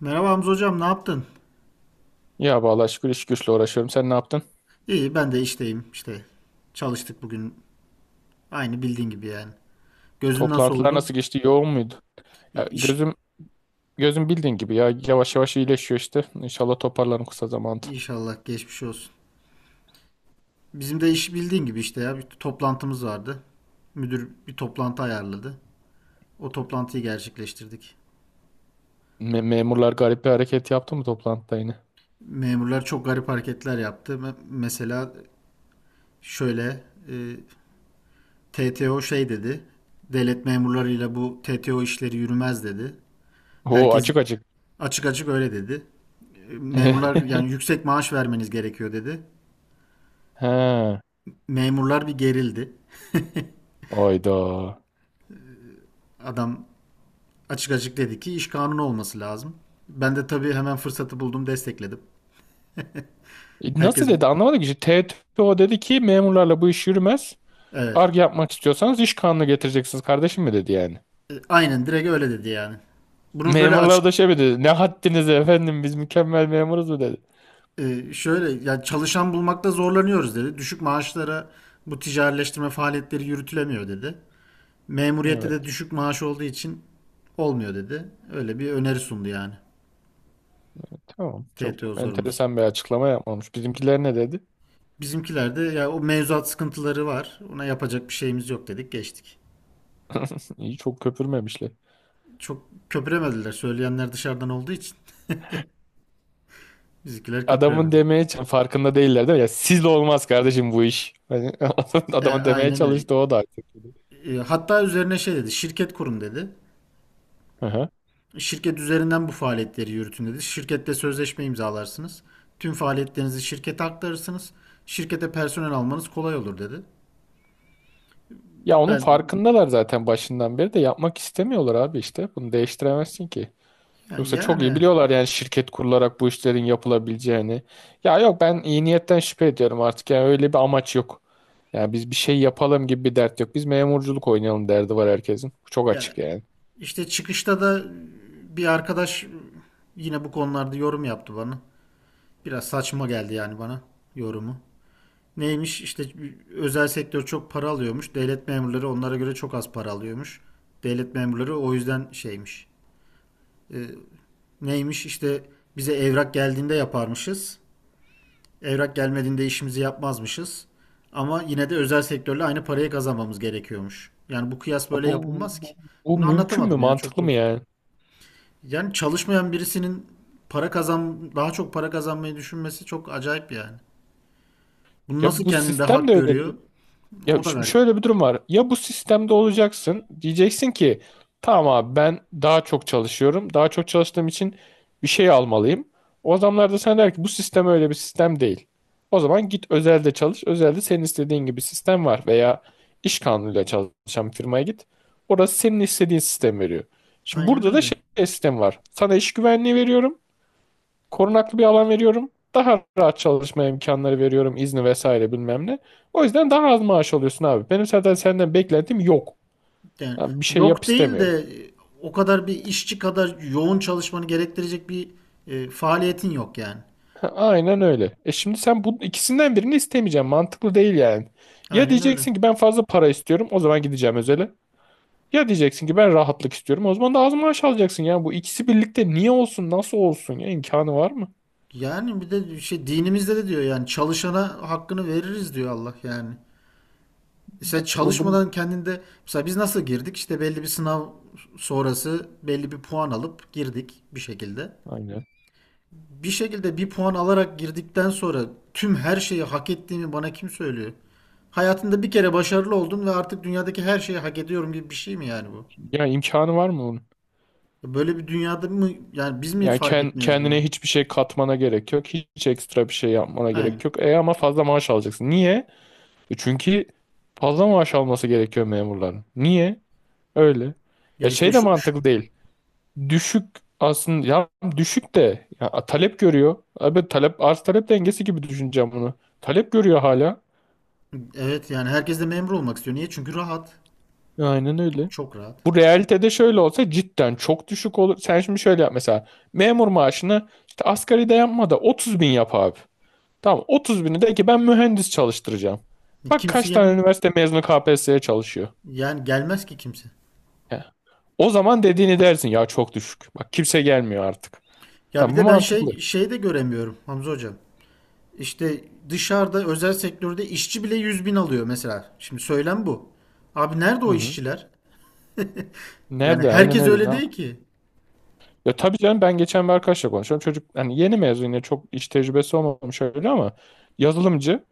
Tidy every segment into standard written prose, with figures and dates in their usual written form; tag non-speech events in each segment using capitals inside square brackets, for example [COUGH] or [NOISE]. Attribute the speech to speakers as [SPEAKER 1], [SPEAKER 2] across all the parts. [SPEAKER 1] Merhaba Hamza hocam, ne yaptın?
[SPEAKER 2] Ya vallahi şükür iş güçle uğraşıyorum. Sen ne yaptın?
[SPEAKER 1] İyi, ben de işteyim. İşte çalıştık bugün. Aynı bildiğin gibi yani. Gözün nasıl
[SPEAKER 2] Toplantılar nasıl
[SPEAKER 1] oldu?
[SPEAKER 2] geçti? Yoğun muydu? Ya
[SPEAKER 1] İş,
[SPEAKER 2] gözüm bildiğin gibi ya yavaş yavaş iyileşiyor işte. İnşallah toparlanır kısa zamanda.
[SPEAKER 1] inşallah geçmiş olsun. Bizim de iş bildiğin gibi işte ya. Bir toplantımız vardı. Müdür bir toplantı ayarladı. O toplantıyı gerçekleştirdik.
[SPEAKER 2] Memurlar garip bir hareket yaptı mı toplantıda yine?
[SPEAKER 1] Memurlar çok garip hareketler yaptı. Mesela şöyle TTO şey dedi. Devlet memurlarıyla bu TTO işleri yürümez dedi.
[SPEAKER 2] Oo
[SPEAKER 1] Herkes
[SPEAKER 2] açık açık.
[SPEAKER 1] açık açık öyle dedi. Memurlar
[SPEAKER 2] [LAUGHS]
[SPEAKER 1] yani yüksek maaş vermeniz gerekiyor dedi.
[SPEAKER 2] He.
[SPEAKER 1] Memurlar bir gerildi.
[SPEAKER 2] Oyda.
[SPEAKER 1] Adam açık açık dedi ki iş kanunu olması lazım. Ben de tabii hemen fırsatı buldum destekledim.
[SPEAKER 2] Nasıl
[SPEAKER 1] Herkes
[SPEAKER 2] dedi anlamadım ki. İşte TTO dedi ki memurlarla bu iş yürümez.
[SPEAKER 1] evet.
[SPEAKER 2] Arge yapmak istiyorsanız iş kanunu getireceksiniz kardeşim mi dedi yani.
[SPEAKER 1] Aynen direkt öyle dedi yani. Bunu böyle
[SPEAKER 2] Memurlar
[SPEAKER 1] açık
[SPEAKER 2] da şey mi dedi? Ne haddiniz efendim biz mükemmel memuruz mu dedi.
[SPEAKER 1] şöyle ya çalışan bulmakta zorlanıyoruz dedi. Düşük maaşlara bu ticarileştirme faaliyetleri yürütülemiyor dedi. Memuriyette de
[SPEAKER 2] Evet.
[SPEAKER 1] düşük maaş olduğu için olmuyor dedi. Öyle bir öneri sundu yani.
[SPEAKER 2] Tamam. Çok
[SPEAKER 1] TTO sorumlusu.
[SPEAKER 2] enteresan bir açıklama yapmamış. Bizimkiler ne dedi?
[SPEAKER 1] Bizimkilerde ya o mevzuat sıkıntıları var. Ona yapacak bir şeyimiz yok dedik geçtik.
[SPEAKER 2] İyi çok köpürmemişler.
[SPEAKER 1] Çok köpüremediler. Söyleyenler dışarıdan olduğu için [LAUGHS] bizimkiler
[SPEAKER 2] Adamın
[SPEAKER 1] köpüremedi.
[SPEAKER 2] farkında değiller değil mi? Ya sizle olmaz kardeşim bu iş. Hani [LAUGHS] adamın demeye
[SPEAKER 1] Aynen öyle.
[SPEAKER 2] çalıştı o da artık.
[SPEAKER 1] Hatta üzerine şey dedi. Şirket kurun dedi.
[SPEAKER 2] Aha.
[SPEAKER 1] Şirket üzerinden bu faaliyetleri yürütün dedi. Şirkette sözleşme imzalarsınız. Tüm faaliyetlerinizi şirkete aktarırsınız. Şirkete personel almanız kolay olur dedi.
[SPEAKER 2] Ya onun
[SPEAKER 1] Ben
[SPEAKER 2] farkındalar zaten başından beri de yapmak istemiyorlar abi işte. Bunu değiştiremezsin ki.
[SPEAKER 1] yani,
[SPEAKER 2] Yoksa çok iyi
[SPEAKER 1] yani
[SPEAKER 2] biliyorlar yani şirket kurularak bu işlerin yapılabileceğini. Ya yok ben iyi niyetten şüphe ediyorum artık. Yani öyle bir amaç yok. Yani biz bir şey yapalım gibi bir dert yok. Biz memurculuk oynayalım derdi var herkesin. Bu çok
[SPEAKER 1] ya
[SPEAKER 2] açık yani.
[SPEAKER 1] işte çıkışta da bir arkadaş yine bu konularda yorum yaptı bana. Biraz saçma geldi yani bana yorumu. Neymiş işte özel sektör çok para alıyormuş. Devlet memurları onlara göre çok az para alıyormuş. Devlet memurları o yüzden şeymiş. Neymiş işte bize evrak geldiğinde yaparmışız. Evrak gelmediğinde işimizi yapmazmışız. Ama yine de özel sektörle aynı parayı kazanmamız gerekiyormuş. Yani bu kıyas
[SPEAKER 2] Ya
[SPEAKER 1] böyle
[SPEAKER 2] bu,
[SPEAKER 1] yapılmaz ki.
[SPEAKER 2] bu, bu
[SPEAKER 1] Bunu
[SPEAKER 2] mümkün mü?
[SPEAKER 1] anlatamadım ya çok
[SPEAKER 2] Mantıklı
[SPEAKER 1] da.
[SPEAKER 2] mı yani?
[SPEAKER 1] Yani çalışmayan birisinin para kazan daha çok para kazanmayı düşünmesi çok acayip yani. Bunu
[SPEAKER 2] Ya
[SPEAKER 1] nasıl
[SPEAKER 2] bu
[SPEAKER 1] kendinde
[SPEAKER 2] sistem
[SPEAKER 1] hak
[SPEAKER 2] de öyle.
[SPEAKER 1] görüyor?
[SPEAKER 2] Ya
[SPEAKER 1] O da
[SPEAKER 2] şimdi
[SPEAKER 1] garip.
[SPEAKER 2] şöyle bir durum var. Ya bu sistemde olacaksın. Diyeceksin ki tamam abi ben daha çok çalışıyorum. Daha çok çalıştığım için bir şey almalıyım. O adamlar da sana der ki bu sistem öyle bir sistem değil. O zaman git özelde çalış. Özelde senin istediğin gibi sistem var. Veya iş kanunuyla çalışan bir firmaya git. Orası senin istediğin sistem veriyor. Şimdi
[SPEAKER 1] Aynen
[SPEAKER 2] burada da
[SPEAKER 1] öyle.
[SPEAKER 2] şey sistem var. Sana iş güvenliği veriyorum. Korunaklı bir alan veriyorum. Daha rahat çalışma imkanları veriyorum. İzni vesaire bilmem ne. O yüzden daha az maaş alıyorsun abi. Benim zaten senden beklentim yok.
[SPEAKER 1] Yani
[SPEAKER 2] Ha, bir şey yap
[SPEAKER 1] yok değil
[SPEAKER 2] istemiyorum.
[SPEAKER 1] de e, o kadar bir işçi kadar yoğun çalışmanı gerektirecek bir faaliyetin yok yani.
[SPEAKER 2] Ha, aynen öyle. E şimdi sen bu ikisinden birini istemeyeceksin. Mantıklı değil yani. Ya
[SPEAKER 1] Aynen öyle.
[SPEAKER 2] diyeceksin ki ben fazla para istiyorum. O zaman gideceğim özele. Ya diyeceksin ki ben rahatlık istiyorum. O zaman da az maaş alacaksın ya. Bu ikisi birlikte niye olsun? Nasıl olsun ya? İmkanı var mı?
[SPEAKER 1] Yani bir de şey dinimizde de diyor yani çalışana hakkını veririz diyor Allah yani. E sen
[SPEAKER 2] Bu bunu
[SPEAKER 1] çalışmadan kendinde mesela biz nasıl girdik? İşte belli bir sınav sonrası belli bir puan alıp girdik bir şekilde.
[SPEAKER 2] Aynen.
[SPEAKER 1] Bir şekilde bir puan alarak girdikten sonra tüm her şeyi hak ettiğimi bana kim söylüyor? Hayatında bir kere başarılı oldum ve artık dünyadaki her şeyi hak ediyorum gibi bir şey mi yani bu?
[SPEAKER 2] Ya imkanı var mı bunun?
[SPEAKER 1] Ya böyle bir dünyada mı yani biz mi
[SPEAKER 2] Yani
[SPEAKER 1] fark
[SPEAKER 2] ken-
[SPEAKER 1] etmiyoruz
[SPEAKER 2] kendine
[SPEAKER 1] yani?
[SPEAKER 2] hiçbir şey katmana gerek yok. Hiç ekstra bir şey yapmana gerek
[SPEAKER 1] Aynen.
[SPEAKER 2] yok. E ama fazla maaş alacaksın. Niye? E çünkü fazla maaş alması gerekiyor memurların. Niye? Öyle.
[SPEAKER 1] Ya
[SPEAKER 2] Ya
[SPEAKER 1] işte
[SPEAKER 2] şey de mantıklı değil. Düşük aslında ya düşük de ya talep görüyor. Abi talep arz talep dengesi gibi düşüneceğim bunu. Talep görüyor hala.
[SPEAKER 1] evet yani herkes de memur olmak istiyor. Niye? Çünkü rahat.
[SPEAKER 2] Aynen öyle.
[SPEAKER 1] Çok rahat.
[SPEAKER 2] Bu realitede şöyle olsa cidden çok düşük olur. Sen şimdi şöyle yap mesela. Memur maaşını işte asgari de yapma da 30 bin yap abi. Tamam 30 bini de ki ben mühendis çalıştıracağım. Bak
[SPEAKER 1] Kimse
[SPEAKER 2] kaç tane
[SPEAKER 1] gel
[SPEAKER 2] üniversite mezunu KPSS'ye çalışıyor.
[SPEAKER 1] yani gelmez ki kimse.
[SPEAKER 2] He. O zaman dediğini dersin ya çok düşük. Bak kimse gelmiyor artık.
[SPEAKER 1] Ya bir
[SPEAKER 2] Tamam bu
[SPEAKER 1] de ben
[SPEAKER 2] mantıklı.
[SPEAKER 1] şeyi de göremiyorum Hamza hocam. İşte dışarıda özel sektörde işçi bile 100 bin alıyor mesela. Şimdi söylem bu. Abi nerede
[SPEAKER 2] Hı
[SPEAKER 1] o
[SPEAKER 2] hı.
[SPEAKER 1] işçiler? Yani
[SPEAKER 2] Nerede? Aynen
[SPEAKER 1] herkes
[SPEAKER 2] öyle. Ne
[SPEAKER 1] öyle
[SPEAKER 2] yap?
[SPEAKER 1] değil ki.
[SPEAKER 2] Ya tabii canım ben geçen bir arkadaşla konuşuyorum. Çocuk hani yeni mezun yine çok iş tecrübesi olmamış öyle ama yazılımcı.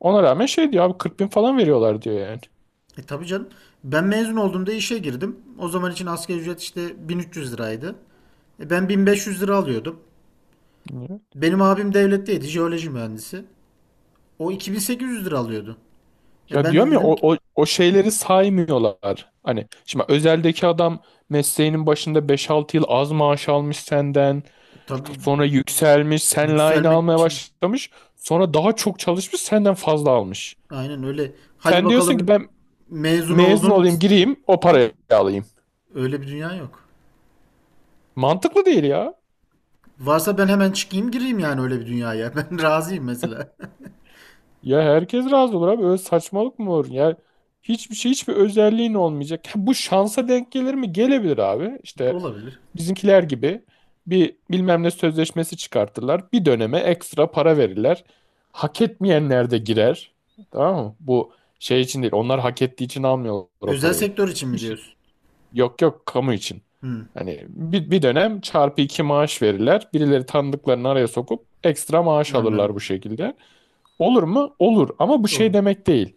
[SPEAKER 2] Ona rağmen şey diyor abi 40 bin falan veriyorlar diyor yani.
[SPEAKER 1] E tabii canım. Ben mezun olduğumda işe girdim. O zaman için asgari ücret işte 1.300 liraydı. E ben 1.500 lira alıyordum. Benim abim devletteydi, jeoloji mühendisi. O 2.800 lira alıyordu. E
[SPEAKER 2] Ya
[SPEAKER 1] ben de
[SPEAKER 2] diyorum ya
[SPEAKER 1] dedim ki
[SPEAKER 2] o şeyleri saymıyorlar. Hani şimdi özeldeki adam mesleğinin başında beş altı yıl az maaş almış senden.
[SPEAKER 1] tabii
[SPEAKER 2] Sonra yükselmiş, seninle aynı
[SPEAKER 1] yükselmek
[SPEAKER 2] almaya
[SPEAKER 1] için
[SPEAKER 2] başlamış. Sonra daha çok çalışmış, senden fazla almış.
[SPEAKER 1] aynen öyle. Hadi
[SPEAKER 2] Sen diyorsun ki
[SPEAKER 1] bakalım
[SPEAKER 2] ben
[SPEAKER 1] mezun
[SPEAKER 2] mezun
[SPEAKER 1] oldun.
[SPEAKER 2] olayım, gireyim, o parayı
[SPEAKER 1] [LAUGHS]
[SPEAKER 2] alayım.
[SPEAKER 1] Öyle bir dünya yok.
[SPEAKER 2] Mantıklı değil ya.
[SPEAKER 1] Varsa ben hemen çıkayım gireyim yani öyle bir dünyaya. [LAUGHS] Ben razıyım mesela.
[SPEAKER 2] Ya herkes razı olur abi. Öyle saçmalık mı olur? Ya hiçbir şey, hiçbir özelliğin olmayacak. Ha, bu şansa denk gelir mi? Gelebilir abi. İşte
[SPEAKER 1] [LAUGHS] Olabilir.
[SPEAKER 2] bizimkiler gibi bir bilmem ne sözleşmesi çıkartırlar. Bir döneme ekstra para verirler. Hak etmeyenler de girer. Tamam mı? Bu şey için değil. Onlar hak ettiği için almıyorlar o
[SPEAKER 1] Özel
[SPEAKER 2] parayı.
[SPEAKER 1] sektör için mi
[SPEAKER 2] Bir şey-
[SPEAKER 1] diyorsun?
[SPEAKER 2] Yok yok kamu için.
[SPEAKER 1] Hı,
[SPEAKER 2] Hani bir dönem çarpı iki maaş verirler. Birileri tanıdıklarını araya sokup ekstra maaş
[SPEAKER 1] anladım.
[SPEAKER 2] alırlar bu şekilde. Olur mu? Olur. Ama bu şey
[SPEAKER 1] Olur.
[SPEAKER 2] demek değil.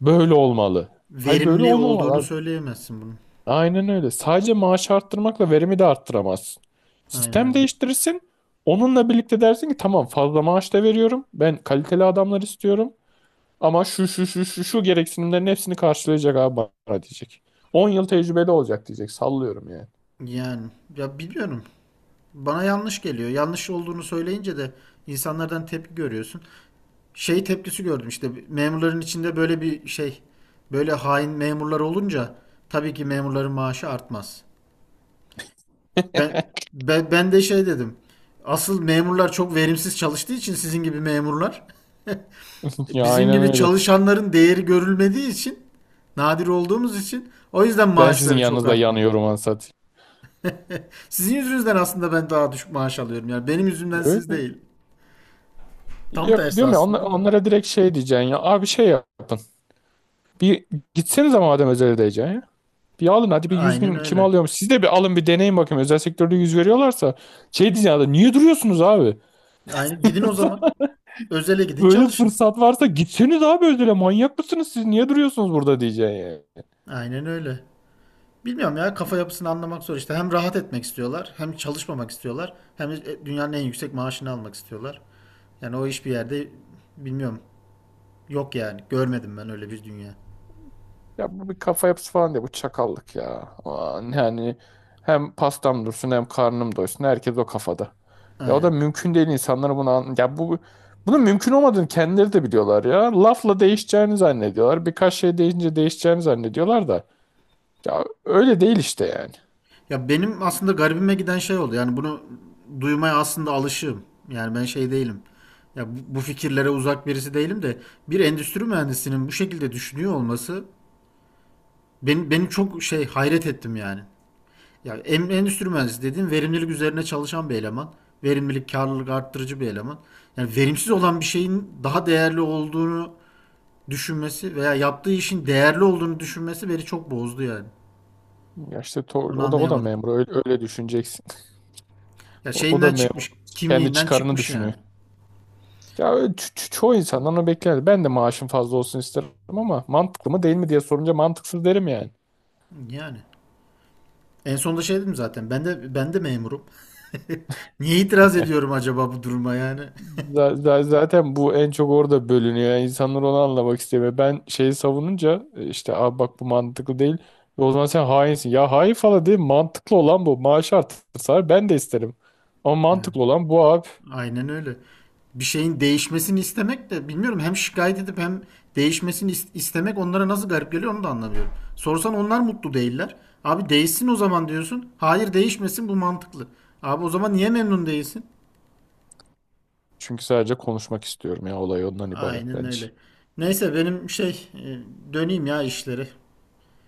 [SPEAKER 2] Böyle olmalı. Hayır böyle
[SPEAKER 1] Verimli
[SPEAKER 2] olmamalı
[SPEAKER 1] olduğunu
[SPEAKER 2] abi.
[SPEAKER 1] söyleyemezsin bunun.
[SPEAKER 2] Aynen öyle. Sadece maaş arttırmakla verimi de arttıramazsın.
[SPEAKER 1] Aynen
[SPEAKER 2] Sistem
[SPEAKER 1] öyle.
[SPEAKER 2] değiştirirsin. Onunla birlikte dersin ki tamam fazla maaş da veriyorum. Ben kaliteli adamlar istiyorum. Ama şu şu şu şu şu gereksinimlerin hepsini karşılayacak abi bana diyecek. 10 yıl tecrübeli olacak diyecek. Sallıyorum yani.
[SPEAKER 1] Yani ya biliyorum bana yanlış geliyor. Yanlış olduğunu söyleyince de insanlardan tepki görüyorsun. Şey tepkisi gördüm işte memurların içinde böyle bir şey, böyle hain memurlar olunca tabii ki memurların maaşı artmaz. Ben,
[SPEAKER 2] [LAUGHS]
[SPEAKER 1] ben de şey dedim. Asıl memurlar çok verimsiz çalıştığı için sizin gibi memurlar,
[SPEAKER 2] Ya
[SPEAKER 1] bizim
[SPEAKER 2] aynen
[SPEAKER 1] gibi
[SPEAKER 2] öyle.
[SPEAKER 1] çalışanların değeri görülmediği için nadir olduğumuz için o yüzden
[SPEAKER 2] Ben sizin
[SPEAKER 1] maaşları çok
[SPEAKER 2] yanınızda
[SPEAKER 1] artmıyor.
[SPEAKER 2] yanıyorum ansat.
[SPEAKER 1] Sizin yüzünüzden aslında ben daha düşük maaş alıyorum. Yani benim yüzümden siz
[SPEAKER 2] Öyle.
[SPEAKER 1] değil. Tam
[SPEAKER 2] Yok
[SPEAKER 1] tersi
[SPEAKER 2] diyorum ya onla-
[SPEAKER 1] aslında. Da.
[SPEAKER 2] onlara direkt şey diyeceksin ya. Abi şey yap. Bir gitsenize madem özele diyeceksin. Bir alın hadi bir 100
[SPEAKER 1] Aynen
[SPEAKER 2] bin kim
[SPEAKER 1] öyle.
[SPEAKER 2] alıyormuş? Siz de bir alın bir deneyin bakayım. Özel sektörde yüz veriyorlarsa şey diyeceğim ya niye duruyorsunuz abi?
[SPEAKER 1] Aynen. Gidin o zaman. Özele gidin
[SPEAKER 2] Böyle
[SPEAKER 1] çalışın.
[SPEAKER 2] fırsat varsa gitseniz abi özele manyak mısınız siz? Niye duruyorsunuz burada diyeceksin yani.
[SPEAKER 1] Aynen öyle. Bilmiyorum ya kafa yapısını anlamak zor işte. Hem rahat etmek istiyorlar, hem çalışmamak istiyorlar, hem de dünyanın en yüksek maaşını almak istiyorlar. Yani o iş bir yerde bilmiyorum. Yok yani. Görmedim ben öyle bir dünya.
[SPEAKER 2] Ya bu bir kafa yapısı falan diye bu çakallık ya. Aman yani hem pastam dursun hem karnım doysun. Herkes o kafada. Ya o da
[SPEAKER 1] Aynen.
[SPEAKER 2] mümkün değil insanlara bunu ya bu bunun mümkün olmadığını kendileri de biliyorlar ya. Lafla değişeceğini zannediyorlar. Birkaç şey değişince değişeceğini zannediyorlar da. Ya öyle değil işte yani.
[SPEAKER 1] Ya benim aslında garibime giden şey oldu. Yani bunu duymaya aslında alışığım. Yani ben şey değilim. Ya bu fikirlere uzak birisi değilim de bir endüstri mühendisinin bu şekilde düşünüyor olması beni çok şey hayret ettim yani. Ya endüstri mühendisi dediğin verimlilik üzerine çalışan bir eleman. Verimlilik, karlılık arttırıcı bir eleman. Yani verimsiz olan bir şeyin daha değerli olduğunu düşünmesi veya yaptığı işin değerli olduğunu düşünmesi beni çok bozdu yani.
[SPEAKER 2] Ya işte to-
[SPEAKER 1] Onu
[SPEAKER 2] o da o da
[SPEAKER 1] anlayamadım.
[SPEAKER 2] memur öyle, öyle düşüneceksin. [LAUGHS]
[SPEAKER 1] Ya
[SPEAKER 2] O, o da
[SPEAKER 1] şeyinden
[SPEAKER 2] memur
[SPEAKER 1] çıkmış,
[SPEAKER 2] kendi
[SPEAKER 1] kimliğinden
[SPEAKER 2] çıkarını
[SPEAKER 1] çıkmış
[SPEAKER 2] düşünüyor.
[SPEAKER 1] yani.
[SPEAKER 2] Ya öyle çoğu insandan onu bekler. Ben de maaşım fazla olsun isterim ama mantıklı mı değil mi diye sorunca mantıksız derim yani.
[SPEAKER 1] Yani. En sonunda şey dedim zaten. Ben de memurum. [LAUGHS] Niye itiraz
[SPEAKER 2] [LAUGHS]
[SPEAKER 1] ediyorum acaba bu duruma yani?
[SPEAKER 2] Zaten bu en çok orada bölünüyor. Yani insanlar onu anlamak istemiyor. Ben şeyi savununca işte abi bak bu mantıklı değil. E, o zaman sen hainsin. Ya hain falan değil mantıklı olan bu. Maaşı artırsalar ben de isterim. Ama
[SPEAKER 1] Ya
[SPEAKER 2] mantıklı olan bu abi.
[SPEAKER 1] aynen öyle. Bir şeyin değişmesini istemek de bilmiyorum hem şikayet edip hem değişmesini istemek onlara nasıl garip geliyor onu da anlamıyorum. Sorsan onlar mutlu değiller. Abi değişsin o zaman diyorsun. Hayır değişmesin bu mantıklı. Abi o zaman niye memnun değilsin?
[SPEAKER 2] Çünkü sadece konuşmak istiyorum ya olay ondan ibaret
[SPEAKER 1] Aynen
[SPEAKER 2] bence.
[SPEAKER 1] öyle. Neyse benim şey döneyim ya işleri.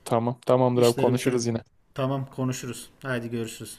[SPEAKER 2] Tamam. Tamamdır abi
[SPEAKER 1] İşleri
[SPEAKER 2] konuşuruz
[SPEAKER 1] bitirelim.
[SPEAKER 2] yine.
[SPEAKER 1] Tamam konuşuruz. Haydi görüşürüz.